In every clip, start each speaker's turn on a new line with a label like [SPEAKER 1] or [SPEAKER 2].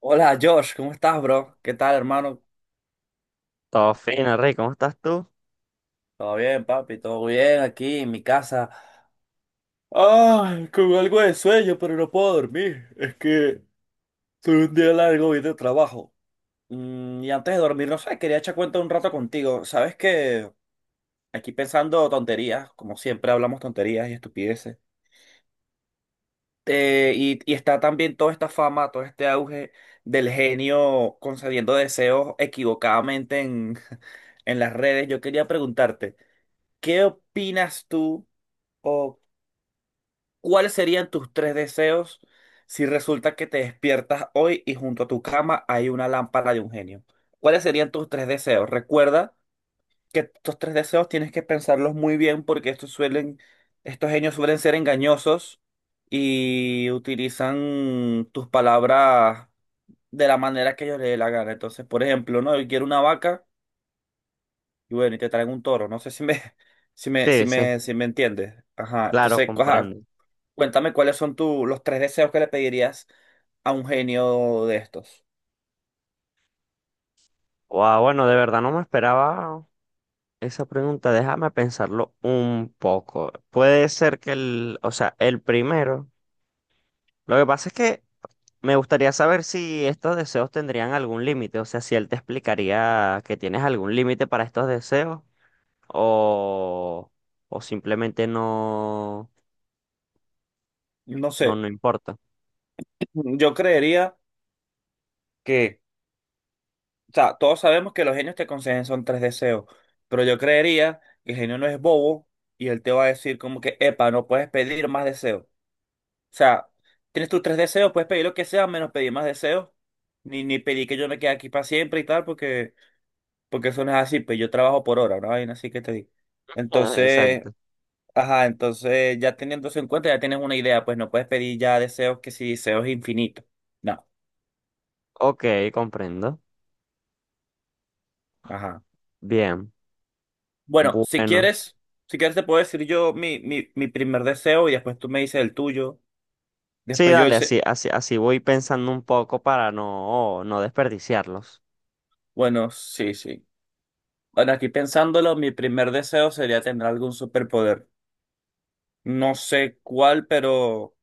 [SPEAKER 1] Hola Josh, ¿cómo estás, bro? ¿Qué tal, hermano?
[SPEAKER 2] Todo fino, Rey, ¿cómo estás tú?
[SPEAKER 1] Todo bien, papi, todo bien aquí en mi casa. Ay, con algo de sueño, pero no puedo dormir. Es que tuve un día largo hoy de trabajo. Y antes de dormir, no sé, quería echar cuenta un rato contigo. Sabes que aquí pensando tonterías, como siempre hablamos tonterías y estupideces. Y está también toda esta fama, todo este auge del genio concediendo deseos equivocadamente en las redes. Yo quería preguntarte. ¿Qué opinas tú o cuáles serían tus tres deseos si resulta que te despiertas hoy y junto a tu cama hay una lámpara de un genio? ¿Cuáles serían tus tres deseos? Recuerda que estos tres deseos tienes que pensarlos muy bien porque estos genios suelen ser engañosos y utilizan tus palabras de la manera que ellos les dé la gana. Entonces, por ejemplo, ¿no? Yo quiero una vaca y bueno, y te traen un toro. No sé si me, si
[SPEAKER 2] Sí, sí,
[SPEAKER 1] me, si me entiendes. Ajá.
[SPEAKER 2] claro,
[SPEAKER 1] Entonces, ajá,
[SPEAKER 2] comprendo.
[SPEAKER 1] cuéntame cuáles son los tres deseos que le pedirías a un genio de estos.
[SPEAKER 2] Guau, bueno, de verdad no me esperaba esa pregunta. Déjame pensarlo un poco. Puede ser que el primero. Lo que pasa es que me gustaría saber si estos deseos tendrían algún límite. O sea, si él te explicaría que tienes algún límite para estos deseos o, o simplemente
[SPEAKER 1] No sé,
[SPEAKER 2] no importa.
[SPEAKER 1] yo creería que, o sea, todos sabemos que los genios te conceden son tres deseos, pero yo creería que el genio no es bobo y él te va a decir como que, epa, no puedes pedir más deseos. O sea, tienes tus tres deseos, puedes pedir lo que sea, menos pedir más deseos, ni pedir que yo me quede aquí para siempre y tal, porque eso no es así, pues yo trabajo por hora, una vaina así que te digo.
[SPEAKER 2] Ah,
[SPEAKER 1] Entonces,
[SPEAKER 2] exacto.
[SPEAKER 1] ajá, entonces ya teniendo eso en cuenta, ya tienes una idea, pues no puedes pedir ya deseos que si deseos infinitos. No,
[SPEAKER 2] Ok, comprendo.
[SPEAKER 1] ajá.
[SPEAKER 2] Bien.
[SPEAKER 1] Bueno, si
[SPEAKER 2] Bueno.
[SPEAKER 1] quieres, si quieres te puedo decir yo mi primer deseo y después tú me dices el tuyo.
[SPEAKER 2] Sí,
[SPEAKER 1] Después yo el...
[SPEAKER 2] dale,
[SPEAKER 1] se-
[SPEAKER 2] así, así, así voy pensando un poco para no desperdiciarlos.
[SPEAKER 1] Bueno, sí, sí. Bueno, aquí pensándolo, mi primer deseo sería tener algún superpoder. No sé cuál, pero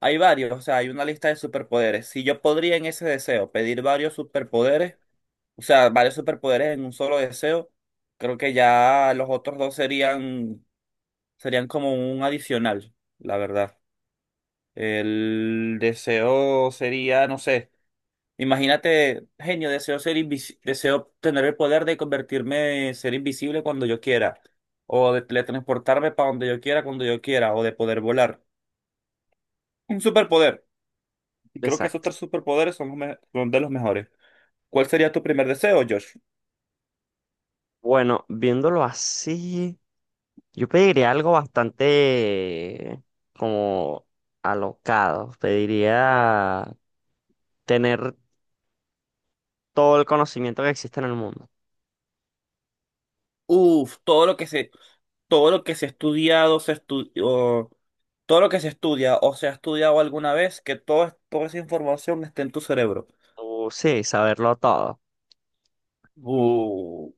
[SPEAKER 1] hay varios, o sea, hay una lista de superpoderes. Si yo podría en ese deseo pedir varios superpoderes, o sea, varios superpoderes en un solo deseo. Creo que ya los otros dos serían, serían como un adicional, la verdad. El deseo sería, no sé, imagínate, genio, deseo tener el poder de convertirme, en ser invisible cuando yo quiera, o de teletransportarme para donde yo quiera, cuando yo quiera, o de poder volar. Un superpoder. Y creo que esos
[SPEAKER 2] Exacto.
[SPEAKER 1] tres superpoderes son de los mejores. ¿Cuál sería tu primer deseo, Josh?
[SPEAKER 2] Bueno, viéndolo así, yo pediría algo bastante como alocado. Pediría tener todo el conocimiento que existe en el mundo.
[SPEAKER 1] Uf, todo lo que se ha estudiado, se estudió, todo lo que se estudia o se ha estudiado alguna vez, que toda esa información esté en tu cerebro.
[SPEAKER 2] O sí, saberlo todo,
[SPEAKER 1] Uh,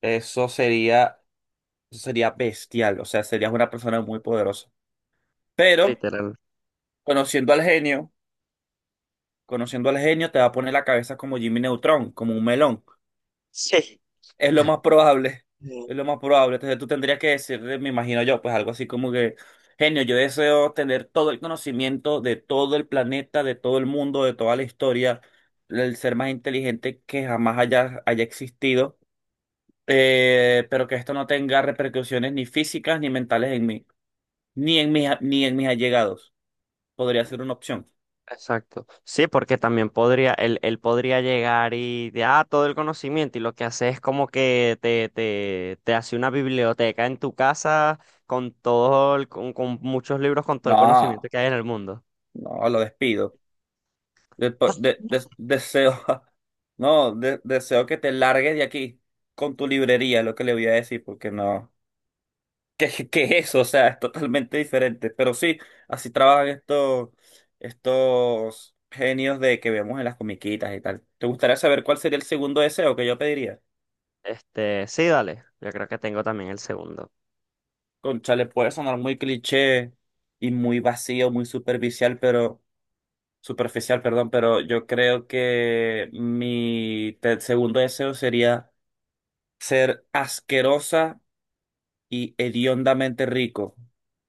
[SPEAKER 1] eso sería, eso sería bestial, o sea, serías una persona muy poderosa. Pero
[SPEAKER 2] literal.
[SPEAKER 1] conociendo al genio, conociendo al genio, te va a poner la cabeza como Jimmy Neutron, como un melón.
[SPEAKER 2] Sí.
[SPEAKER 1] Es lo más probable, es lo más probable. Entonces tú tendrías que decirle, me imagino yo, pues algo así como que, genio, yo deseo tener todo el conocimiento de todo el planeta, de todo el mundo, de toda la historia, el ser más inteligente que jamás haya existido, pero que esto no tenga repercusiones ni físicas ni mentales en mí, ni en mis allegados. Podría ser una opción.
[SPEAKER 2] Exacto. Sí, porque también podría, él podría llegar y de ah, todo el conocimiento, y lo que hace es como que te hace una biblioteca en tu casa con todo con muchos libros, con todo el conocimiento
[SPEAKER 1] No,
[SPEAKER 2] que hay en el mundo.
[SPEAKER 1] no, lo despido. Deseo, no, deseo que te largues de aquí con tu librería, es lo que le voy a decir, porque no, ¿qué es eso? O sea, es totalmente diferente. Pero sí, así trabajan estos genios de que vemos en las comiquitas y tal. ¿Te gustaría saber cuál sería el segundo deseo que yo pediría?
[SPEAKER 2] Este, sí, dale. Yo creo que tengo también el segundo.
[SPEAKER 1] Conchale, puede sonar muy cliché y muy vacío, muy superficial, pero superficial, perdón, pero yo creo que mi segundo deseo sería ser asquerosa y hediondamente rico,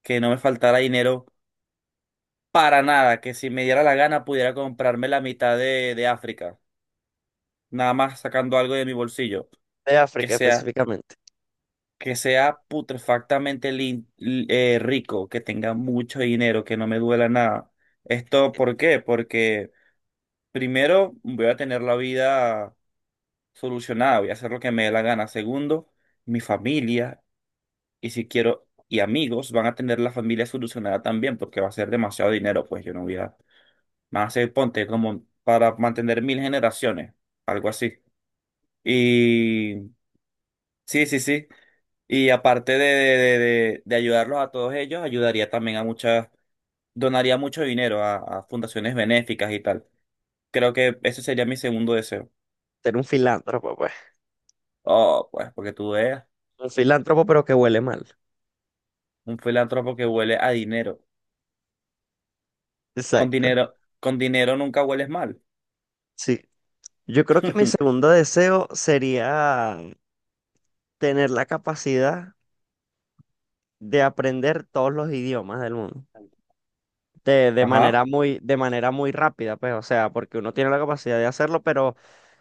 [SPEAKER 1] que no me faltara dinero para nada, que si me diera la gana pudiera comprarme la mitad de África, nada más sacando algo de mi bolsillo,
[SPEAKER 2] De
[SPEAKER 1] que
[SPEAKER 2] África
[SPEAKER 1] sea,
[SPEAKER 2] específicamente.
[SPEAKER 1] que sea putrefactamente rico, que tenga mucho dinero, que no me duela nada. ¿Esto por qué? Porque primero voy a tener la vida solucionada, voy a hacer lo que me dé la gana. Segundo, mi familia. Y si quiero, y amigos, van a tener la familia solucionada también, porque va a ser demasiado dinero, pues yo no voy a, van a ser, ponte, como para mantener mil generaciones, algo así. Y sí, sí, sí. Y aparte de ayudarlos a todos ellos, ayudaría también a muchas, donaría mucho dinero a fundaciones benéficas y tal. Creo que ese sería mi segundo deseo.
[SPEAKER 2] Ser un filántropo, pues.
[SPEAKER 1] Oh, pues, porque tú eres
[SPEAKER 2] Un filántropo, pero que huele mal.
[SPEAKER 1] un filántropo que huele a dinero. Con
[SPEAKER 2] Exacto.
[SPEAKER 1] dinero, con dinero nunca hueles mal.
[SPEAKER 2] Sí. Yo creo que mi segundo deseo sería tener la capacidad de aprender todos los idiomas del mundo. De
[SPEAKER 1] Ajá.
[SPEAKER 2] manera muy, de manera muy rápida, pues, o sea, porque uno tiene la capacidad de hacerlo, pero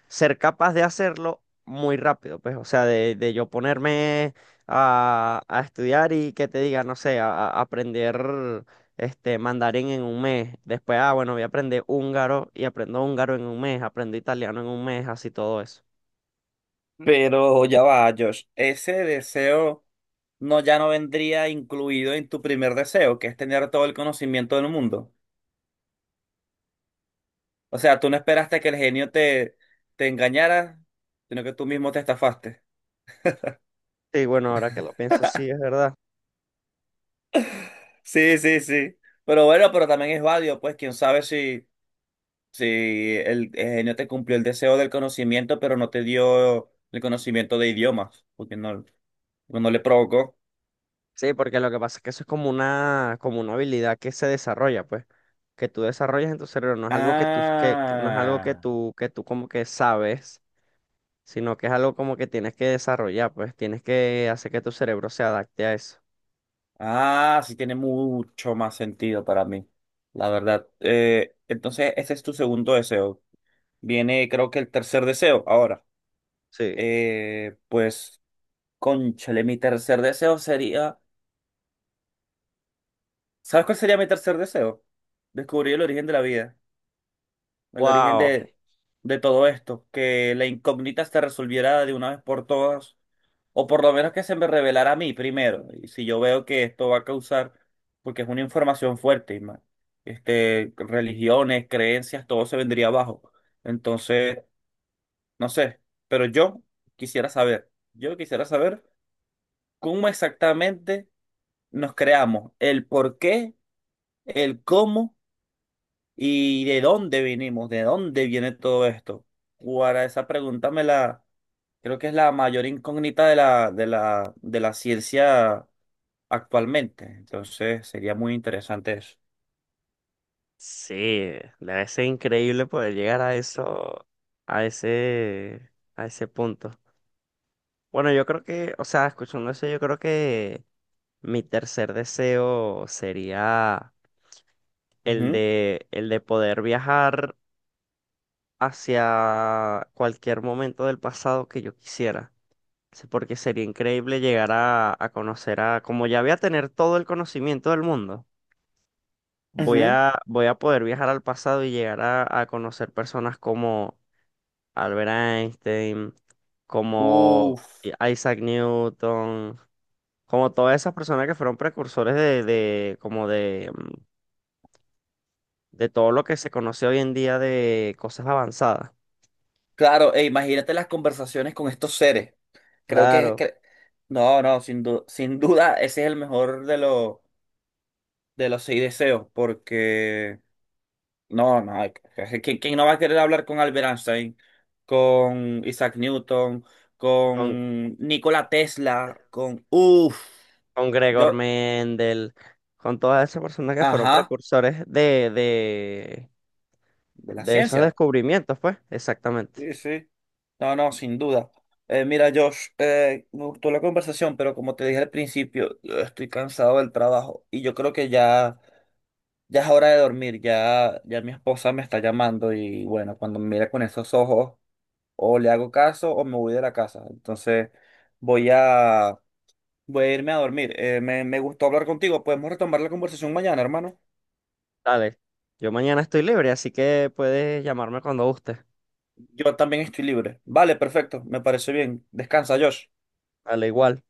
[SPEAKER 2] ser capaz de hacerlo muy rápido, pues, o sea, de yo ponerme a estudiar y que te diga, no sé, a aprender este mandarín en un mes. Después, ah, bueno, voy a aprender húngaro y aprendo húngaro en un mes, aprendo italiano en un mes, así todo eso.
[SPEAKER 1] Pero ya va, Josh, ese deseo no ya no vendría incluido en tu primer deseo, que es tener todo el conocimiento del mundo. O sea, tú no esperaste que el genio te engañara, sino que tú mismo te estafaste.
[SPEAKER 2] Sí, bueno, ahora que lo pienso, sí, es verdad.
[SPEAKER 1] Sí, sí, sí. Pero bueno, pero también es válido, pues quién sabe si el genio te cumplió el deseo del conocimiento, pero no te dio el conocimiento de idiomas, porque no le provocó.
[SPEAKER 2] Sí, porque lo que pasa es que eso es como una habilidad que se desarrolla, pues, que tú desarrollas en tu cerebro, no es algo que tú, que no es algo que
[SPEAKER 1] Ah.
[SPEAKER 2] tú como que sabes, sino que es algo como que tienes que desarrollar, pues, tienes que hacer que tu cerebro se adapte a eso.
[SPEAKER 1] Ah, sí tiene mucho más sentido para mí, la verdad. Entonces, ese es tu segundo deseo. Viene, creo que el tercer deseo. Ahora,
[SPEAKER 2] Sí.
[SPEAKER 1] pues, cónchale, mi tercer deseo sería. ¿Sabes cuál sería mi tercer deseo? Descubrir el origen de la vida, el origen
[SPEAKER 2] Wow,
[SPEAKER 1] de todo esto, que la incógnita se resolviera de una vez por todas. O por lo menos que se me revelara a mí primero. Y si yo veo que esto va a causar, porque es una información fuerte, religiones, creencias, todo se vendría abajo. Entonces, no sé, pero yo quisiera saber cómo exactamente nos creamos, el por qué, el cómo y de dónde vinimos, de dónde viene todo esto. Para esa pregunta me la, creo que es la mayor incógnita de la ciencia actualmente. Entonces sería muy interesante eso.
[SPEAKER 2] sí, debe ser increíble poder llegar a eso, a ese, a ese punto. Bueno, yo creo que, o sea, escuchando eso, yo creo que mi tercer deseo sería
[SPEAKER 1] Ujú,
[SPEAKER 2] el de poder viajar hacia cualquier momento del pasado que yo quisiera. Sí, porque sería increíble llegar a conocer a, como ya voy a tener todo el conocimiento del mundo,
[SPEAKER 1] ujú.
[SPEAKER 2] voy a poder viajar al pasado y llegar a conocer personas como Albert Einstein, como
[SPEAKER 1] Uf,
[SPEAKER 2] Isaac Newton, como todas esas personas que fueron precursores de de todo lo que se conoce hoy en día de cosas avanzadas.
[SPEAKER 1] claro, e imagínate las conversaciones con estos seres. Creo que,
[SPEAKER 2] Claro,
[SPEAKER 1] que- no, no, sin duda, sin duda, ese es el mejor de los seis deseos, porque no, no, hay- ¿quién no va a querer hablar con Albert Einstein, con Isaac Newton,
[SPEAKER 2] con,
[SPEAKER 1] con Nikola Tesla, con, uff,
[SPEAKER 2] con Gregor
[SPEAKER 1] yo,
[SPEAKER 2] Mendel, con todas esas personas que fueron
[SPEAKER 1] ajá,
[SPEAKER 2] precursores
[SPEAKER 1] de la
[SPEAKER 2] de esos
[SPEAKER 1] ciencia.
[SPEAKER 2] descubrimientos, pues, exactamente.
[SPEAKER 1] Sí, sí. No, no, sin duda. Mira, Josh, me gustó la conversación, pero como te dije al principio, yo estoy cansado del trabajo y yo creo que ya, ya es hora de dormir. Ya, ya mi esposa me está llamando y bueno, cuando me mira con esos ojos, o le hago caso o me voy de la casa. Entonces, voy a, voy a irme a dormir. Me gustó hablar contigo. Podemos retomar la conversación mañana, hermano.
[SPEAKER 2] Dale, yo mañana estoy libre, así que puedes llamarme cuando guste.
[SPEAKER 1] Yo también estoy libre. Vale, perfecto. Me parece bien. Descansa, Josh.
[SPEAKER 2] Dale, igual.